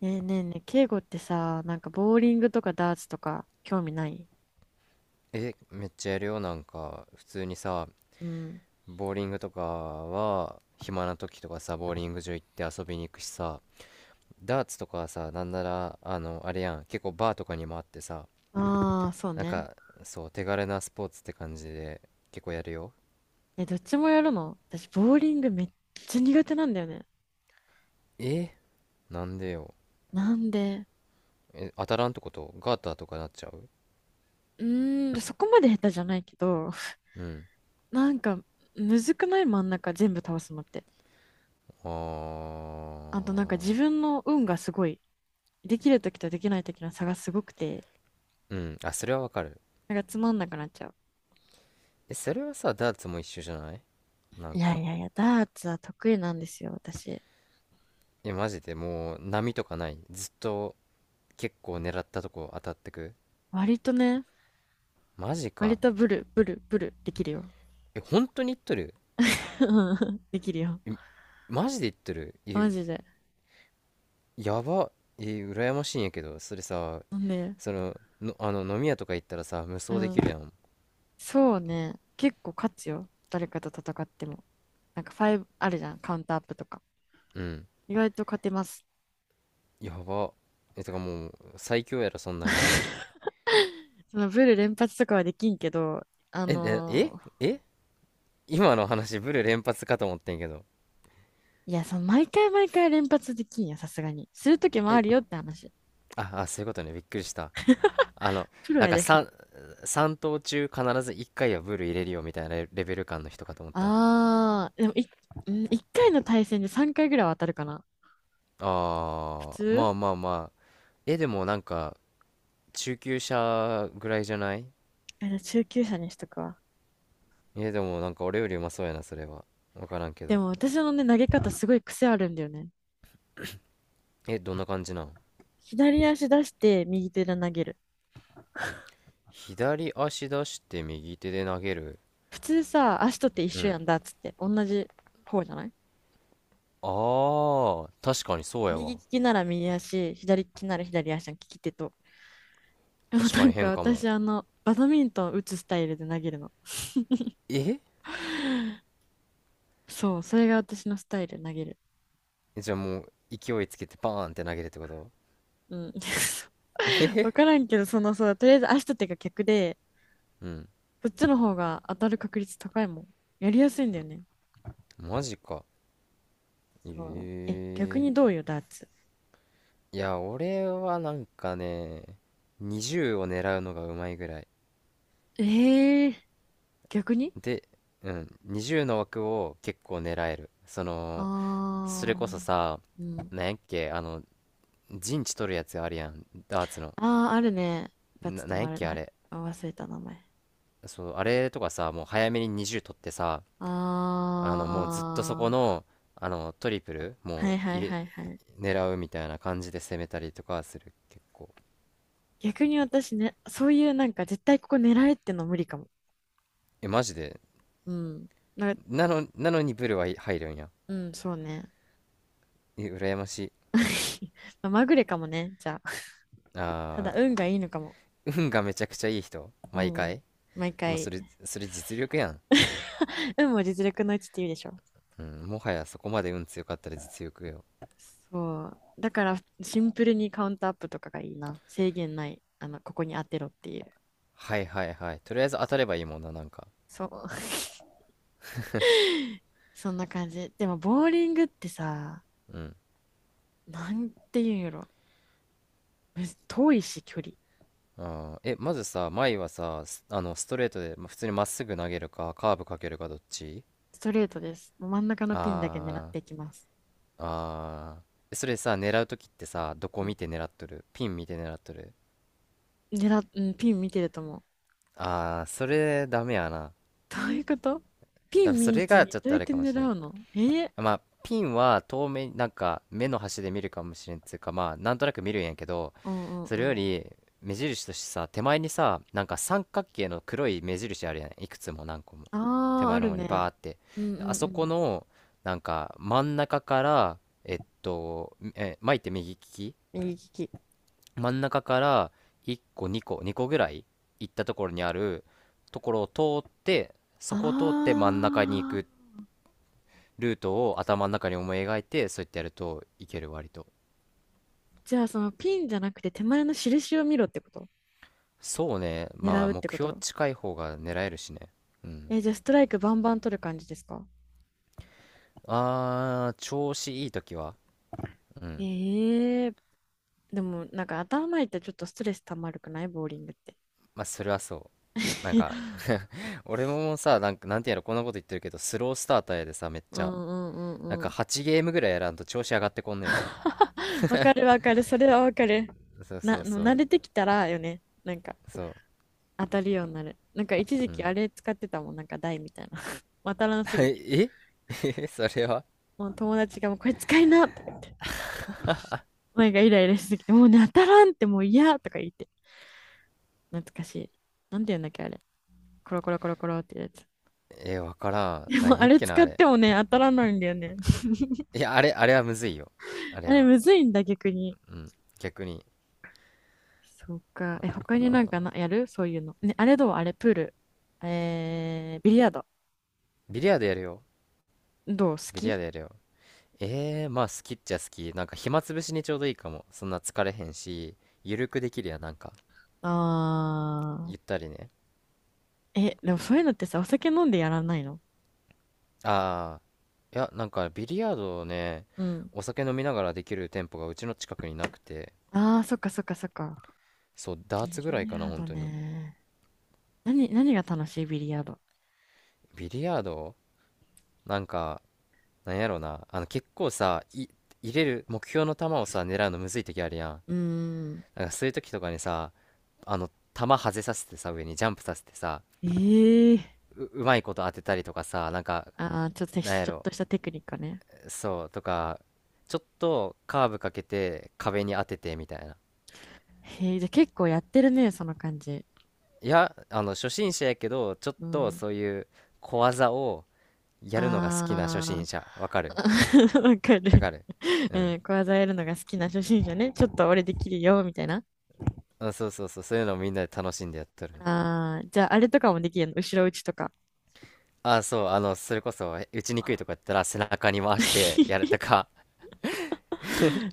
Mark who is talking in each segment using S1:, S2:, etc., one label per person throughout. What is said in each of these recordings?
S1: ねえねえねえ、敬語ってさ、なんかボーリングとかダーツとか興味ない？
S2: え、めっちゃやるよ。なんか、普通にさ、
S1: うん。
S2: ボーリングとかは、暇な時とかさ、ボーリング場行って遊びに行くしさ、ダーツとかはさ、なんなら、あれやん、結構バーとかにもあってさ、
S1: ああ、そう
S2: なん
S1: ね。
S2: か、そう、手軽なスポーツって感じで、結構やるよ。
S1: え、どっちもやるの？私、ボーリングめっちゃ苦手なんだよね。
S2: え、なんでよ。
S1: なんで？
S2: え、当たらんってこと、ガーターとかなっちゃう？
S1: うーん、そこまで下手じゃないけど、
S2: うん。
S1: なんか、むずくない？真ん中全部倒すのって。
S2: あ
S1: あとなんか自分の運がすごい、できるときとできないときの差がすごくて、
S2: ー、うん。あ、それはわかる。
S1: なんかつまんなくなっちゃう。
S2: え、それはさ、ダーツも一緒じゃない、な
S1: い
S2: ん
S1: や
S2: か。
S1: いやいや、ダーツは得意なんですよ、私。
S2: え、マジで、もう波とかない？ずっと結構狙ったとこ当たってく？
S1: 割とね、
S2: マジ
S1: 割
S2: か。
S1: とブルブルブルできるよ。
S2: え、本当に言っとる？
S1: うんできるよ。
S2: え、マジで言っとる？
S1: マ
S2: え、
S1: ジで。
S2: やば。え、羨ましいんやけど、それさ、
S1: ね、
S2: その飲み屋とか行ったらさ無
S1: う
S2: 双で
S1: ん。
S2: きるやん。
S1: そうね。結構勝つよ。誰かと戦っても。なんか5あるじゃん。カウンターアップとか。
S2: うん。
S1: 意外と勝てます。
S2: やば。え、とかもう最強やろそんなもん。
S1: そのブル連発とかはできんけど、あ
S2: ええ
S1: のー
S2: ええ今の話ブル連発かと思ってんけど。
S1: いや、その毎回毎回連発できんや、さすがに。するときもあ
S2: え、
S1: るよって話。
S2: ああ、そういうことね、びっくりした。あの
S1: プロ
S2: なん
S1: や
S2: か
S1: です ね。
S2: 3投中必ず1回はブル入れるよみたいなレベル感の人かと思った。
S1: あー、でもい、うん1回の対戦で3回ぐらいは当たるかな。普
S2: ああ、ま
S1: 通。
S2: あまあまあ。え、でもなんか、中級者ぐらいじゃない？
S1: あの中級者にしとくわ。
S2: え、でもなんか俺よりうまそうやな、それは。わからんけ
S1: で
S2: ど。
S1: も私のね、投げ方すごい癖あるんだよね。
S2: え、どんな感じなん？
S1: 左足出して右手で投げる。
S2: 左足出して右手で投げる。
S1: 普通さ、足とって一
S2: う
S1: 緒
S2: ん。
S1: やんだっつって、同じ方じゃない？
S2: ああ、確かにそうや
S1: 右
S2: わ。
S1: 利きなら右足、左利きなら左足の利き手と。でも
S2: 確
S1: な
S2: かに
S1: んか
S2: 変かも。
S1: 私、あの、バドミントン打つスタイルで投げるの。
S2: え。
S1: そう、それが私のスタイル投げる。
S2: じゃあもう、勢いつけてバーンって投げるってこと？
S1: うん。わからんけど、そのそうとりあえず足と手が逆で、
S2: うん。
S1: こっちの方が当たる確率高いもん。やりやすいんだよね。
S2: マジか。
S1: そう。え、逆
S2: え
S1: にど
S2: え。
S1: うよ、ダーツ。
S2: いや、俺はなんかね、20を狙うのがうまいぐらい。
S1: えー、逆に。
S2: で、うん、20の枠を結構狙える。その、そ
S1: あ
S2: れ
S1: ー、
S2: こそさ、
S1: うん。
S2: なんやっけ、陣地取るやつあるやん、ダーツの。
S1: ああ、あるね。一発止
S2: なんやっ
S1: まる。
S2: け、
S1: は
S2: あ
S1: い。
S2: れ。
S1: 忘れた名前。
S2: そう、あれとかさ、もう早めに20取ってさ、
S1: あ
S2: もうずっとそ
S1: あ、
S2: この、あの、トリプル、も
S1: は
S2: う
S1: いは
S2: 入
S1: い
S2: れ、
S1: はいはい。
S2: 狙うみたいな感じで攻めたりとかする、結構。
S1: 逆に私ね、そういうなんか絶対ここ狙えっての無理かも。
S2: え、マジで。
S1: うん。な、
S2: なのにブル、はい、入るんや。
S1: うん、そうね。
S2: え、羨ましい。
S1: まあまぐれかもね、じゃあ。た
S2: あ
S1: だ運がいいのかも。
S2: ー、運がめちゃくちゃいい人、
S1: う
S2: 毎
S1: ん。
S2: 回。
S1: 毎
S2: もうそ
S1: 回。
S2: れ、それ実力やん。
S1: 運も実力のうちって言うでしょ。
S2: うん、もはやそこまで運強かったら実力よ。
S1: そう。だからシンプルにカウントアップとかがいいな。制限ない。あの、ここに当てろっていう。
S2: はいはいはい。とりあえず当たればいいもんな、なんか。
S1: そう。そんな感じ。でも、ボーリングってさ、
S2: うん。
S1: なんて言うんやろ。むず遠いし、距離。
S2: あー、え、まずさ、前はさ、スあの、ストレートで、普通にまっすぐ投げるか、カーブかけるか、どっち？
S1: ストレートです。もう真ん中のピンだけ狙っ
S2: あ
S1: ていきます。
S2: ー、あー。え、それさ、狙うときってさ、どこ
S1: うん。
S2: 見て狙っとる、ピン見て狙っとる？
S1: 狙っ、うん、ピン見てると思う。
S2: あー、それダメやな。
S1: どういうこと？ピ
S2: 多
S1: ン
S2: 分そ
S1: 見
S2: れ
S1: ず
S2: が
S1: に
S2: ちょっ
S1: どう
S2: と
S1: や
S2: あ
S1: っ
S2: れ
S1: て
S2: かも
S1: 狙
S2: しれん。
S1: うの？えー。
S2: まあ、ピンは遠目、なんか目の端で見るかもしれんっつうか、まあ、なんとなく見るんやけど、
S1: うんうん
S2: そ
S1: う
S2: れよ
S1: ん。
S2: り目印としてさ、手前にさ、なんか三角形の黒い目印あるやん、いくつも何個も。手
S1: ああ、
S2: 前
S1: あ
S2: の
S1: る
S2: 方にバ
S1: ね。
S2: ーって。
S1: うんう
S2: であ
S1: んう
S2: そこ
S1: ん。
S2: の、なんか真ん中から、え、巻いて右利き？
S1: 右利き。
S2: 真ん中から1個、2個、2個ぐらい行ったところにあるところを通って、
S1: あ
S2: そこを通って真ん中に行
S1: あ、
S2: くっ、ルートを頭の中に思い描いて、そうやってやるといける、割と。
S1: じゃあそのピンじゃなくて手前の印を見ろってこと？
S2: そうね。ま
S1: 狙
S2: あ、
S1: うって
S2: 目
S1: こ
S2: 標
S1: と？
S2: 近い方が狙えるしね。うん。
S1: えーじゃあストライクバンバン取る感じですか？
S2: あー、調子いい時は。うん。
S1: ええ。でも、なんか頭痛いとちょっとストレス溜まるくない？ボーリングって。
S2: まあ、それはそう。なんか、俺もさ、なんか、なんていうの、こんなこと言ってるけど、スロースターターやでさ、めっち
S1: う
S2: ゃ。
S1: んうんう
S2: なん
S1: んう
S2: か、
S1: ん。
S2: 8ゲームぐらいやらんと調子上がってこんのよ。
S1: わかるわかる。それはわかる。
S2: そう
S1: な、
S2: そう
S1: もう
S2: そ
S1: 慣
S2: う、
S1: れてきたらよね。なんか
S2: そう。
S1: 当たるようになる。なんか一時
S2: う
S1: 期あ
S2: ん。
S1: れ使ってたもん。なんか台みたいな。当たらんすぎて。
S2: ええ それは。
S1: もう友達がもうこれ使いなとか言って。前がイライラしすぎて、もうね、当たらんってもう嫌とか言って。懐かしい。なんて言うんだっけあれ。コロコロコロコロってやつ。
S2: え、わから
S1: で
S2: ん。なん
S1: もあ
S2: やっ
S1: れ
S2: けな、
S1: 使
S2: あ
S1: っ
S2: れ。
S1: てもね、当たらないんだよね。
S2: いや、あれはむずいよ。あ
S1: あ
S2: れ
S1: れ
S2: は。
S1: むずいんだ逆に。
S2: うん。逆に、
S1: そうか。
S2: な
S1: え、
S2: のか
S1: 他になんか
S2: な。
S1: な、やるそういうの。ね、あれどう？あれ、プール。えー、ビリヤード。
S2: ビリヤードやるよ。
S1: どう？好
S2: ビリヤー
S1: き？
S2: ドやるよ。まあ好きっちゃ好き。なんか暇つぶしにちょうどいいかも。そんな疲れへんし、ゆるくできるやん、なんか。ゆ
S1: あ
S2: ったりね。
S1: ー。え、でもそういうのってさ、お酒飲んでやらないの？
S2: あー、いや、なんかビリヤードをね、
S1: うん。
S2: お酒飲みながらできる店舗がうちの近くになくて、
S1: あー、そっかそっかそっか。
S2: そう、ダー
S1: ビ
S2: ツぐらい
S1: リ
S2: かな、
S1: ヤー
S2: 本
S1: ド
S2: 当に。
S1: ね。何、何が楽しい？ビリヤード。
S2: ビリヤード、なんか、なんやろな。結構さ、入れる目標の球をさ、狙うのむずい時あるやん。
S1: うーん。
S2: なんかそういう時とかにさ、球外させてさ、上にジャンプさせてさ、
S1: えー。
S2: うまいこと当てたりとかさ、なんか、
S1: あー、ちょっと
S2: なんや
S1: ちょっと
S2: ろ、
S1: したテクニックね。
S2: そう、とか、ちょっとカーブかけて壁に当ててみたいな。
S1: へえ、じゃあ結構やってるね、その感じ。
S2: いや、初心者やけど、ちょっ
S1: う
S2: と
S1: ん。
S2: そういう小技をやるのが好きな初
S1: あ
S2: 心者。わか
S1: ー、
S2: る？
S1: わか
S2: わ
S1: る。
S2: かる。う
S1: う
S2: ん。
S1: ん、小技やるのが好きな初心者ね。ちょっと俺できるよ、みたいな。
S2: あ、そうそうそう、そういうのをみんなで楽しんでやっとる。
S1: ああ、じゃああれとかもできるの？後ろ打ちとか。
S2: あ、そう、それこそ、打ちにくいとかやったら背中に回してやると か、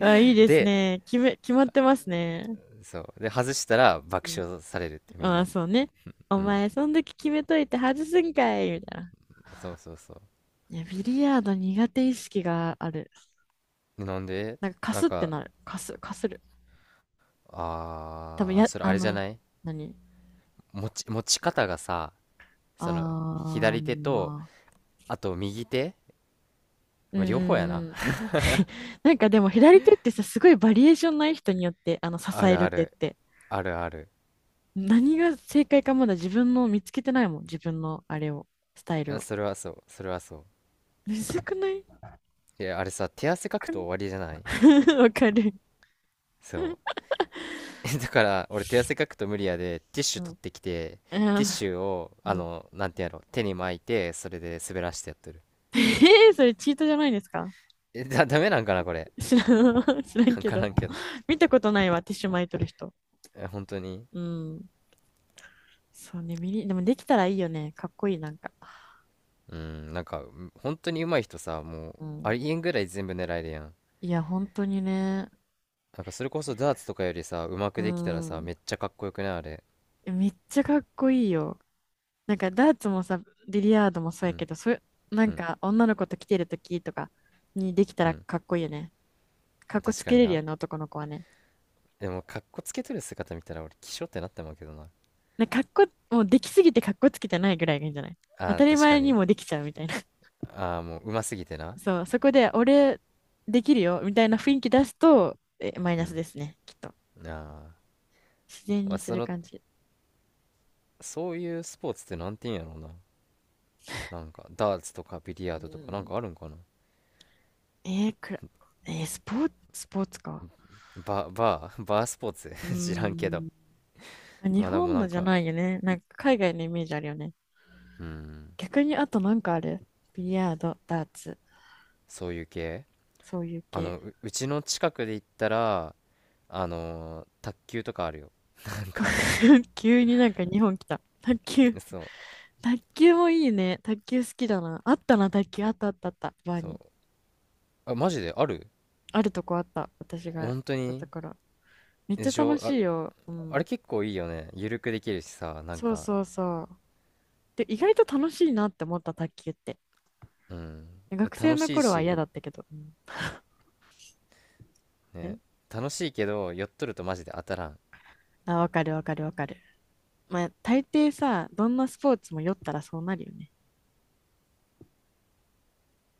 S1: あ、いいです
S2: で、
S1: ね。決め、決まってますね。
S2: そう、で、外したら
S1: う
S2: 爆
S1: ん。
S2: 笑されるってみん
S1: あ
S2: な
S1: あ、
S2: に。
S1: そうね。お
S2: うん。
S1: 前、そん時決めといて外すんかい、みたいな。
S2: そうそうそ
S1: いや、ビリヤード苦手意識がある。
S2: う。なんで。
S1: なんか、か
S2: なん
S1: すって
S2: か、
S1: なる。かす、かする。多分
S2: あー、
S1: や、
S2: それ
S1: あ
S2: あれじゃ
S1: の、
S2: ない、
S1: 何？
S2: 持ち方がさ、その、
S1: ああ。
S2: 左手
S1: ー、
S2: と、
S1: まあ。
S2: あと右手、
S1: うん
S2: まあ両方やな。
S1: うん。 なんかでも左手ってさ、すごいバリエーションない？人によって、あの、支
S2: あ
S1: え
S2: る
S1: る
S2: あ
S1: 手っ
S2: る、
S1: て。
S2: あるある。
S1: 何が正解かまだ自分の見つけてないもん。自分のあれを、スタイル
S2: あ、
S1: を。
S2: それはそう、それはそ
S1: むずくない？
S2: う。いや、あれさ、手汗かく
S1: く
S2: と
S1: ん。
S2: 終わりじゃない？
S1: わかる。
S2: そう。だから、俺手汗かくと無理やで、ティッシ
S1: う
S2: ュ取っ
S1: ん。
S2: てきて、ティッシ
S1: あ
S2: ュを、
S1: ー。うん、
S2: なんてやろう、手に巻いて、それで滑らしてやってる。
S1: えー、それチートじゃないですか？
S2: え、ダメなんかな、これ。
S1: 知らん、知らん
S2: わ
S1: け
S2: か
S1: ど。
S2: らんけど。
S1: 見たことないわ、ティッシュ巻いとる人。
S2: え、本当に？
S1: うん。そうね、ミリ、でもできたらいいよね。かっこいい、なんか。
S2: うん、なんか、本当に上手い人さ、もう、
S1: う
S2: あ
S1: ん。
S2: りえんぐらい全部狙えるやん。
S1: いや、本当にね。
S2: なんかそれこそダーツとかよりさ、うまく
S1: う
S2: できたらさ、
S1: ん。
S2: めっちゃかっこよくないあれ？
S1: めっちゃかっこいいよ。なんかダーツもさ、ビリヤードもそう
S2: う
S1: やけ
S2: ん、
S1: ど、そういう、な
S2: う
S1: ん
S2: ん、
S1: か女の子と来てるときとかにできた
S2: う
S1: ら
S2: ん。
S1: かっこいいよね。かっこ
S2: 確
S1: つ
S2: か
S1: け
S2: に
S1: れる
S2: な。
S1: よね、男の子はね。
S2: でも、かっこつけとる姿見たら俺、気性ってなってまうけどな。
S1: なんかかっこ、もうできすぎてかっこつけてないぐらいがいいんじゃない？当
S2: あ
S1: た
S2: ー
S1: り
S2: 確か
S1: 前に
S2: に。
S1: もできちゃうみたいな。
S2: あーもう、うますぎてな。
S1: そう、そこで俺できるよみたいな雰囲気出すと、え、マイ
S2: う
S1: ナス
S2: ん。
S1: ですね、きっと。
S2: ああ。
S1: 自然
S2: まあ、
S1: にする感じ。
S2: そういうスポーツってなんて言うんやろうな。なんか、ダーツとかビリヤ
S1: う
S2: ードとかなん
S1: ん、
S2: かあるんかな。
S1: えーくら、えースポーツ、スポーツか。
S2: バー バースポーツ
S1: う
S2: 知らんけど。
S1: ーん。まあ日
S2: まあでも
S1: 本
S2: な
S1: の
S2: ん
S1: じゃ
S2: か、
S1: ないよね。なんか海外のイメージあるよね。
S2: うん、
S1: 逆にあとなんかある？ビリヤード、ダーツ、
S2: そういう系。
S1: そういう系。
S2: うちの近くで言ったら、卓球とかあるよ。なんか、
S1: 急になんか日本来た。卓球。
S2: そう
S1: 卓球もいいね。卓球好きだな。あったな、卓球。あったあったあった。バー
S2: そう、
S1: に。
S2: あ、マジである？
S1: あるとこあった。私が行っ
S2: 本当
S1: たと
S2: に？
S1: ころ。めっ
S2: で
S1: ちゃ
S2: し
S1: 楽
S2: ょ。あ、
S1: しいよ。う
S2: あれ
S1: ん。
S2: 結構いいよね、ゆるくできるしさ、なん
S1: そう
S2: か。
S1: そうそう。で、意外と楽しいなって思った卓球って。
S2: うん。え、
S1: 学生
S2: 楽
S1: の
S2: しい
S1: 頃は嫌
S2: し
S1: だったけど。うん。
S2: ね。
S1: え？
S2: 楽しいけどやっとるとマジで当たらん。
S1: あ、わかるわかるわかる。まあ、大抵さ、どんなスポーツも酔ったらそうなるよね。